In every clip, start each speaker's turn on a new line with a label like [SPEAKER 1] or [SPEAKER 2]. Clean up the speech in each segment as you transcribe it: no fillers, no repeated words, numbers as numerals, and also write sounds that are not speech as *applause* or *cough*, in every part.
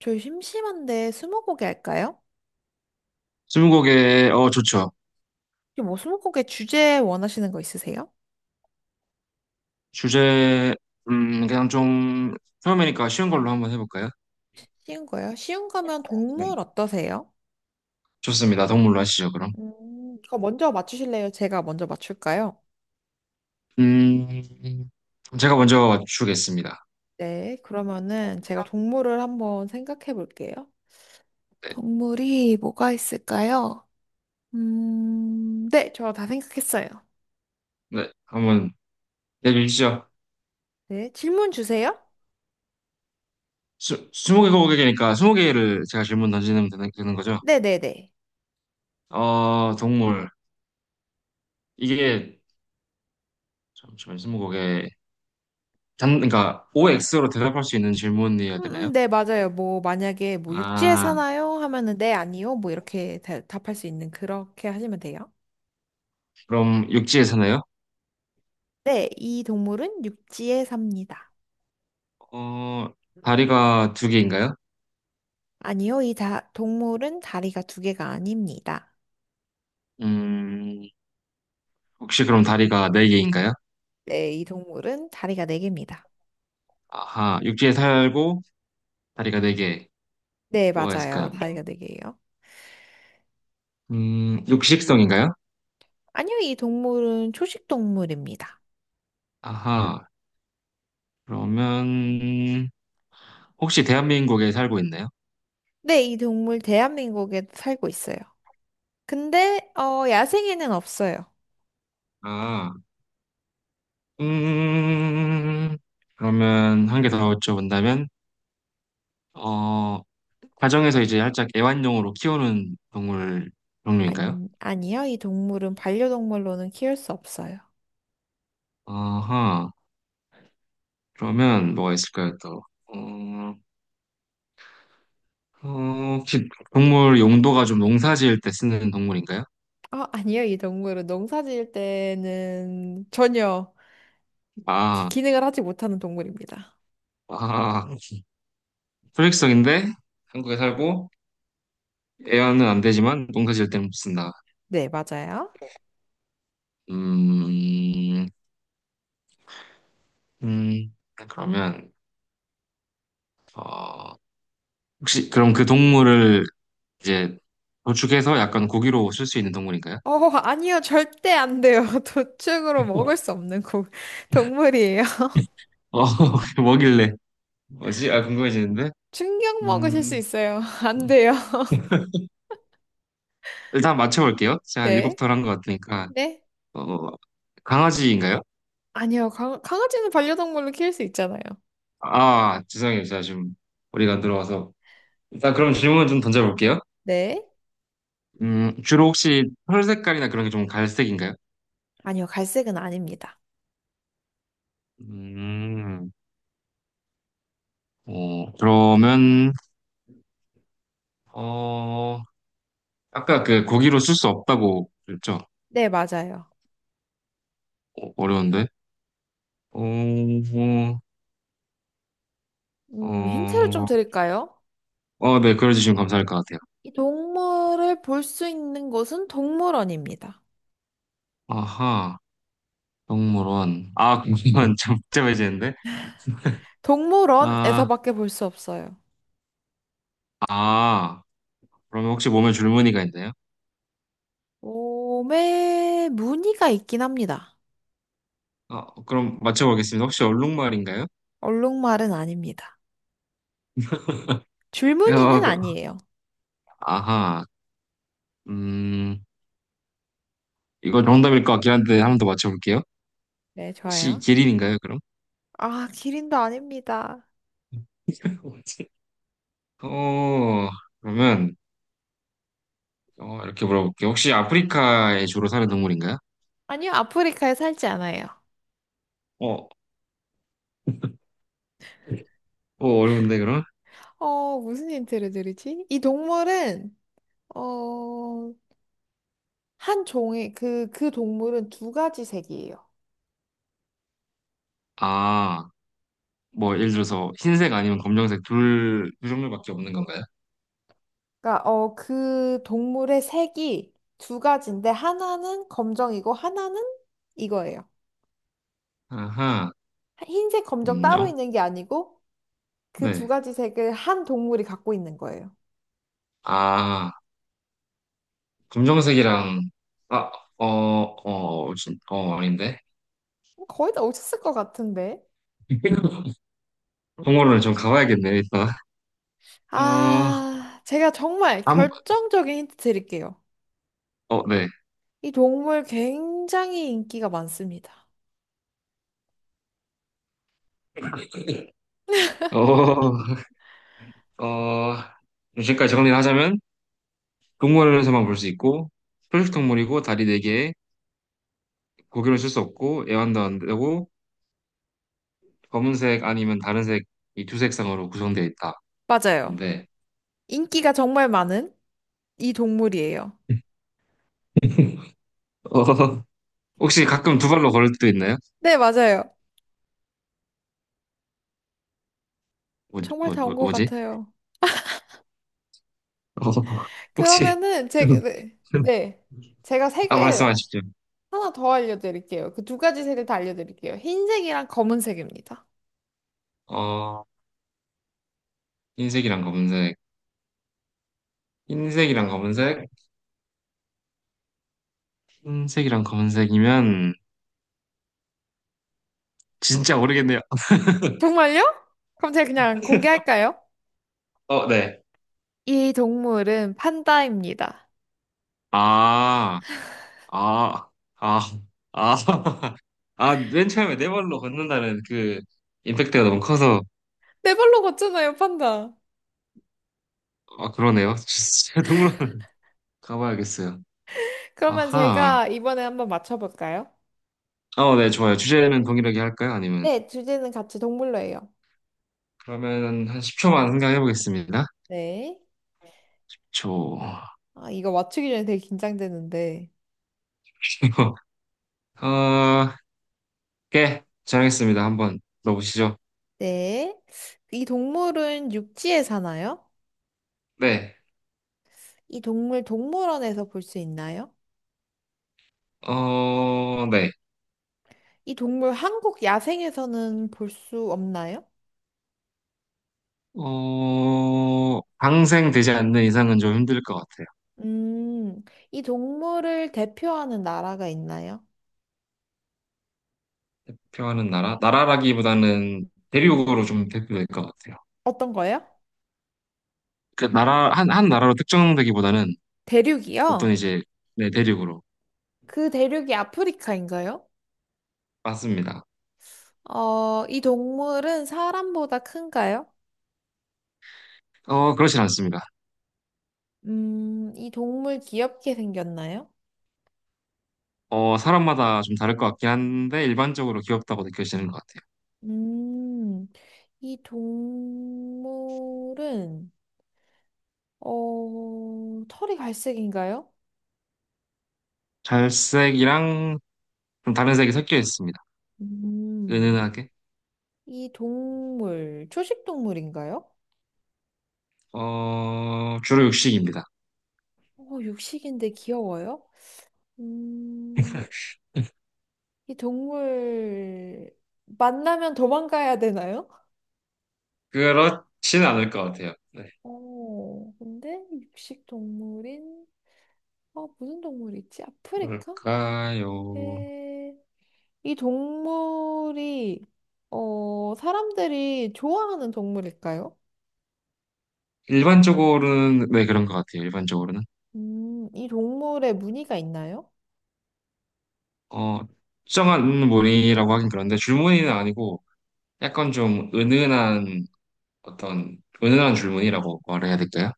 [SPEAKER 1] 저희 심심한데 스무고개 할까요?
[SPEAKER 2] 스무고개, 좋죠.
[SPEAKER 1] 혹시 뭐 스무고개 주제 원하시는 거 있으세요?
[SPEAKER 2] 주제, 음, 그냥 좀, 처음이니까 쉬운 걸로 한번 해볼까요?
[SPEAKER 1] 쉬운 거요? 쉬운 거면
[SPEAKER 2] 네.
[SPEAKER 1] 동물 어떠세요?
[SPEAKER 2] 좋습니다. 동물로 하시죠, 그럼.
[SPEAKER 1] 그거 먼저 맞추실래요? 제가 먼저 맞출까요?
[SPEAKER 2] 음, 제가 먼저 주겠습니다.
[SPEAKER 1] 네, 그러면은 제가 동물을 한번 생각해 볼게요.
[SPEAKER 2] 네,
[SPEAKER 1] 동물이 뭐가 있을까요? 네, 저 다 생각했어요.
[SPEAKER 2] 네, 한번 내주시죠.
[SPEAKER 1] 네, 질문 주세요.
[SPEAKER 2] 스무 개 고객이니까 스무 개를 제가 질문 던지면 되는 거죠?
[SPEAKER 1] 네네네.
[SPEAKER 2] 동물. 이게, 잠시만요, 스무 고개. OX로 대답할 수 있는 질문이어야 되나요?
[SPEAKER 1] 네, 맞아요. 뭐, 만약에 뭐 육지에
[SPEAKER 2] 아,
[SPEAKER 1] 사나요? 하면은 네, 아니요. 뭐 이렇게 답할 수 있는 그렇게 하시면 돼요.
[SPEAKER 2] 그럼 육지에 사나요?
[SPEAKER 1] 네, 이 동물은 육지에 삽니다.
[SPEAKER 2] 어, 다리가 두 개인가요?
[SPEAKER 1] 아니요, 이 동물은 다리가 두 개가 아닙니다.
[SPEAKER 2] 음, 혹시 그럼 다리가 네개인가요?
[SPEAKER 1] 네, 이 동물은 다리가 네 개입니다.
[SPEAKER 2] 아하, 육지에 살고 다리가 네개.
[SPEAKER 1] 네,
[SPEAKER 2] 뭐가
[SPEAKER 1] 맞아요.
[SPEAKER 2] 있을까요?
[SPEAKER 1] 다리가 네 개예요.
[SPEAKER 2] 육식성인가요?
[SPEAKER 1] 아니요, 이 동물은 초식 동물입니다.
[SPEAKER 2] 아하, 그러면 혹시 대한민국에 살고 있나요?
[SPEAKER 1] 네, 이 동물 대한민국에 살고 있어요. 근데, 야생에는 없어요.
[SPEAKER 2] 아, 음, 그러면 한 개 더 여쭤본다면, 어, 가정에서 이제 살짝 애완용으로 키우는 동물 종류인가요?
[SPEAKER 1] 안, 아니요, 이 동물은 반려동물로는 키울 수 없어요.
[SPEAKER 2] 아하, 그러면 뭐가 있을까요, 또? 어, 혹시 동물 용도가 좀 농사 지을 때 쓰는 동물인가요?
[SPEAKER 1] 아, 아니요, 이 동물은 농사 지을 때는 전혀 그
[SPEAKER 2] 아,
[SPEAKER 1] 기능을 하지 못하는 동물입니다.
[SPEAKER 2] 아, 소액성인데 한국에 살고 애완은 안 되지만 농사 지을 때는 못 쓴다.
[SPEAKER 1] 네, 맞아요.
[SPEAKER 2] 음, 그러면 어, 혹시 그럼 그 동물을 이제 도축해서 약간 고기로 쓸 수 있는 동물인가요?
[SPEAKER 1] 어, 아니요, 절대 안 돼요. *laughs* 도축으로
[SPEAKER 2] 어,
[SPEAKER 1] 먹을 수 없는 동물이에요. *laughs*
[SPEAKER 2] *laughs* 뭐길래? 뭐지? 아, 궁금해지는데?
[SPEAKER 1] 충격 먹으실 수
[SPEAKER 2] 음,
[SPEAKER 1] 있어요. *laughs* 안 돼요.
[SPEAKER 2] 일단 맞춰볼게요. 제가 한 일곱
[SPEAKER 1] 네.
[SPEAKER 2] 털한 것 같으니까.
[SPEAKER 1] 네.
[SPEAKER 2] 어, 강아지인가요?
[SPEAKER 1] 아니요, 강아지는 반려동물로 키울 수 있잖아요.
[SPEAKER 2] 아, 죄송해요. 제가 지금 머리가 안 들어와서. 일단 그럼 질문을 좀 던져볼게요.
[SPEAKER 1] 네.
[SPEAKER 2] 주로 혹시 털 색깔이나 그런 게 좀 갈색인가요?
[SPEAKER 1] 아니요, 갈색은 아닙니다.
[SPEAKER 2] 음, 어, 그러면, 어, 아까 그 고기로 쓸 수 없다고 그랬죠?
[SPEAKER 1] 네, 맞아요.
[SPEAKER 2] 어, 어려운데? 어,
[SPEAKER 1] 힌트를 좀
[SPEAKER 2] 어,
[SPEAKER 1] 드릴까요?
[SPEAKER 2] 네, 그려주시면 감사할 것 같아요.
[SPEAKER 1] 이 동물을 볼 수 있는 곳은 동물원입니다.
[SPEAKER 2] 아하, 동물원. 아, 동물원 좀 복잡해지는데? 아,
[SPEAKER 1] 동물원에서밖에 볼 수 없어요.
[SPEAKER 2] 아, 그러면 혹시 몸에 줄무늬가 있나요?
[SPEAKER 1] 몸에 무늬가 있긴 합니다.
[SPEAKER 2] 아, 그럼 맞춰보겠습니다. 혹시 얼룩말인가요?
[SPEAKER 1] 얼룩말은 아닙니다.
[SPEAKER 2] 어,
[SPEAKER 1] 줄무늬는
[SPEAKER 2] 그-
[SPEAKER 1] 아니에요.
[SPEAKER 2] 아하, 음, 이거 정답일 것 같긴 한데 한 번 더 맞춰볼게요.
[SPEAKER 1] 네,
[SPEAKER 2] 혹시
[SPEAKER 1] 좋아요.
[SPEAKER 2] 기린인가요, 그럼?
[SPEAKER 1] 아, 기린도 아닙니다.
[SPEAKER 2] *laughs* 뭐지? 어, 그러면 이렇게 물어볼게요. 혹시 아프리카에 주로 사는 동물인가요?
[SPEAKER 1] 아니요, 아프리카에 살지 않아요.
[SPEAKER 2] 어, 어려운데 그럼?
[SPEAKER 1] 무슨 힌트를 드리지? 이 동물은, 어, 그 동물은 2가지 색이에요.
[SPEAKER 2] 아, 뭐 예를 들어서 흰색 아니면 검정색 두 종류밖에 없는 건가요?
[SPEAKER 1] 그러니까, 그 동물의 색이 두 가지인데, 하나는 검정이고, 하나는 이거예요.
[SPEAKER 2] 아하,
[SPEAKER 1] 흰색, 검정 따로
[SPEAKER 2] 음요?
[SPEAKER 1] 있는 게 아니고, 그 두
[SPEAKER 2] 네.
[SPEAKER 1] 가지 색을 한 동물이 갖고 있는 거예요.
[SPEAKER 2] 아, 검정색이랑 아, 아닌데?
[SPEAKER 1] 거의 다 오셨을 것 같은데.
[SPEAKER 2] *laughs* 동물원을 좀 가봐야겠네, 일단. 어,
[SPEAKER 1] 아, 제가 정말
[SPEAKER 2] 한,
[SPEAKER 1] 결정적인 힌트 드릴게요.
[SPEAKER 2] 네.
[SPEAKER 1] 이 동물 굉장히 인기가 많습니다.
[SPEAKER 2] 어, *laughs* 어, 지금까지 정리를 하자면, 동물원에서만 볼 수 있고, 초식 동물이고, 다리 네개에 고기를 쓸 수 없고, 애완도 안 되고, 검은색 아니면 다른 색, 이 두 색상으로 구성되어 있다.
[SPEAKER 1] 맞아요.
[SPEAKER 2] 근데,
[SPEAKER 1] 인기가 정말 많은 이 동물이에요.
[SPEAKER 2] 어, *laughs* 혹시 가끔 두 발로 걸을 때도 있나요?
[SPEAKER 1] 네, 맞아요. 정말 다 온 것
[SPEAKER 2] 뭐지?
[SPEAKER 1] 같아요.
[SPEAKER 2] 어, 혹시,
[SPEAKER 1] 그러면은 제가
[SPEAKER 2] *laughs*
[SPEAKER 1] 네, 네. 제가
[SPEAKER 2] 아,
[SPEAKER 1] 색을
[SPEAKER 2] 말씀하십시오.
[SPEAKER 1] 하나 더 알려드릴게요. 그 두 가지 색을 다 알려드릴게요. 흰색이랑 검은색입니다.
[SPEAKER 2] 어, 흰색이랑 검은색. 흰색이랑 검은색? 흰색이랑 검은색이면, 진짜 모르겠네요.
[SPEAKER 1] 정말요? 그럼 제가 그냥 공개할까요?
[SPEAKER 2] 어, 네.
[SPEAKER 1] 이 동물은 판다입니다.
[SPEAKER 2] 아, 아, 아, 아, *laughs* 아, 맨 처음에 네 발로 걷는다는 그 임팩트가 너무 커서,
[SPEAKER 1] 네 발로 걷잖아요, 판다.
[SPEAKER 2] 아, 그러네요. *laughs* 진짜 동물원 가봐야겠어요.
[SPEAKER 1] 그러면
[SPEAKER 2] 아하.
[SPEAKER 1] 제가 이번에 한번 맞춰볼까요?
[SPEAKER 2] 네, 좋아요. 주제는 동일하게 할까요? 아니면,
[SPEAKER 1] 네, 주제는 같이 동물로 해요.
[SPEAKER 2] 그러면 한 10초만 생각해보겠습니다.
[SPEAKER 1] 네.
[SPEAKER 2] 초.
[SPEAKER 1] 아, 이거 맞추기 전에 되게 긴장되는데.
[SPEAKER 2] *laughs* 어, 예, 정했습니다. 한번 넣어보시죠.
[SPEAKER 1] 네. 이 동물은 육지에 사나요?
[SPEAKER 2] 네,
[SPEAKER 1] 이 동물 동물원에서 볼 수 있나요?
[SPEAKER 2] 어, 네.
[SPEAKER 1] 이 동물 한국 야생에서는 볼 수 없나요?
[SPEAKER 2] 방생되지 않는 이상은 좀 힘들 것 같아요.
[SPEAKER 1] 음, 이 동물을 대표하는 나라가 있나요?
[SPEAKER 2] 대표하는 나라? 나라라기보다는 대륙으로 좀 대표될 것 같아요.
[SPEAKER 1] 어떤 거요?
[SPEAKER 2] 한 나라로 특정되기보다는
[SPEAKER 1] 대륙이요?
[SPEAKER 2] 어떤 이제, 네, 대륙으로.
[SPEAKER 1] 그 대륙이 아프리카인가요?
[SPEAKER 2] 맞습니다.
[SPEAKER 1] 이 동물은 사람보다 큰가요?
[SPEAKER 2] 그렇진 않습니다.
[SPEAKER 1] 이 동물 귀엽게 생겼나요?
[SPEAKER 2] 사람마다 좀 다를 것 같긴 한데, 일반적으로 귀엽다고 느껴지는 것 같아요.
[SPEAKER 1] 음, 이 동물은, 털이 갈색인가요?
[SPEAKER 2] 갈색이랑 좀 다른 색이 섞여 있습니다.
[SPEAKER 1] 음,
[SPEAKER 2] 은은하게.
[SPEAKER 1] 이 동물, 초식 동물인가요?
[SPEAKER 2] 주로 육식입니다.
[SPEAKER 1] 육식인데 귀여워요? 음, 이 동물, 만나면 도망가야 되나요?
[SPEAKER 2] 그렇진 않을 것 같아요. 네.
[SPEAKER 1] 근데 육식 동물인, 무슨 동물이 있지? 아프리카?
[SPEAKER 2] 뭘까요?
[SPEAKER 1] 에, 이 동물이, 사람들이 좋아하는 동물일까요?
[SPEAKER 2] 일반적으로는, 네, 그런 것 같아요. 일반적으로는.
[SPEAKER 1] 이 동물에 무늬가 있나요?
[SPEAKER 2] 어, 특정한 무늬라고 하긴 그런데 줄무늬는 아니고 약간 좀 은은한 어떤 은은한 줄무늬라고 말해야 될까요?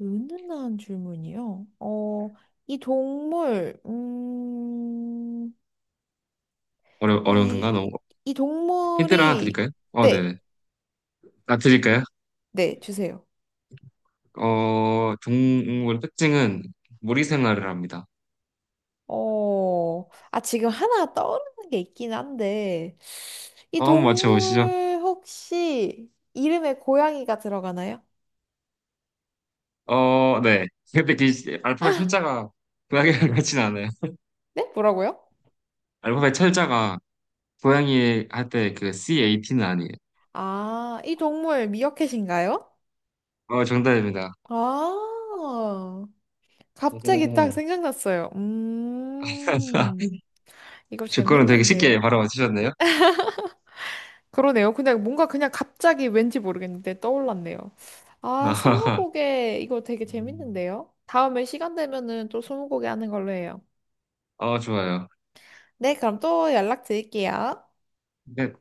[SPEAKER 1] 은은한 줄무늬요? 이 동물,
[SPEAKER 2] 어려운가? 너무
[SPEAKER 1] 이, 이
[SPEAKER 2] 힌트를 하나
[SPEAKER 1] 동물이,
[SPEAKER 2] 드릴까요? 어, 네네.
[SPEAKER 1] 네,
[SPEAKER 2] 아, 드릴까요?
[SPEAKER 1] 네, 주세요.
[SPEAKER 2] 동물 특징은 무리 생활을 합니다.
[SPEAKER 1] 아, 지금 하나 떠오르는 게 있긴 한데, 이
[SPEAKER 2] 한번 맞춰보시죠.
[SPEAKER 1] 동물 혹시 이름에 고양이가 들어가나요?
[SPEAKER 2] 어, 네. 근데 그 알파벳 철자가 고양이랑 같진 않아요.
[SPEAKER 1] 네? 뭐라고요?
[SPEAKER 2] 알파벳 철자가 고양이 할 때 그 CAT는 아니에요.
[SPEAKER 1] 아, 이 동물 미어캣인가요?
[SPEAKER 2] 어, 정답입니다.
[SPEAKER 1] 아, 갑자기 딱
[SPEAKER 2] 오.
[SPEAKER 1] 생각났어요.
[SPEAKER 2] *laughs*
[SPEAKER 1] 이거
[SPEAKER 2] 제 거는 되게 쉽게
[SPEAKER 1] 재밌는데요?
[SPEAKER 2] 바로 맞추셨네요.
[SPEAKER 1] 그러네요. 그냥 뭔가 그냥 갑자기 왠지 모르겠는데 떠올랐네요. 아,
[SPEAKER 2] *laughs*
[SPEAKER 1] 스무고개 이거 되게 재밌는데요? 다음에 시간 되면은 또 스무고개 하는 걸로 해요.
[SPEAKER 2] 아, 좋아요.
[SPEAKER 1] 네, 그럼 또 연락드릴게요.
[SPEAKER 2] 근데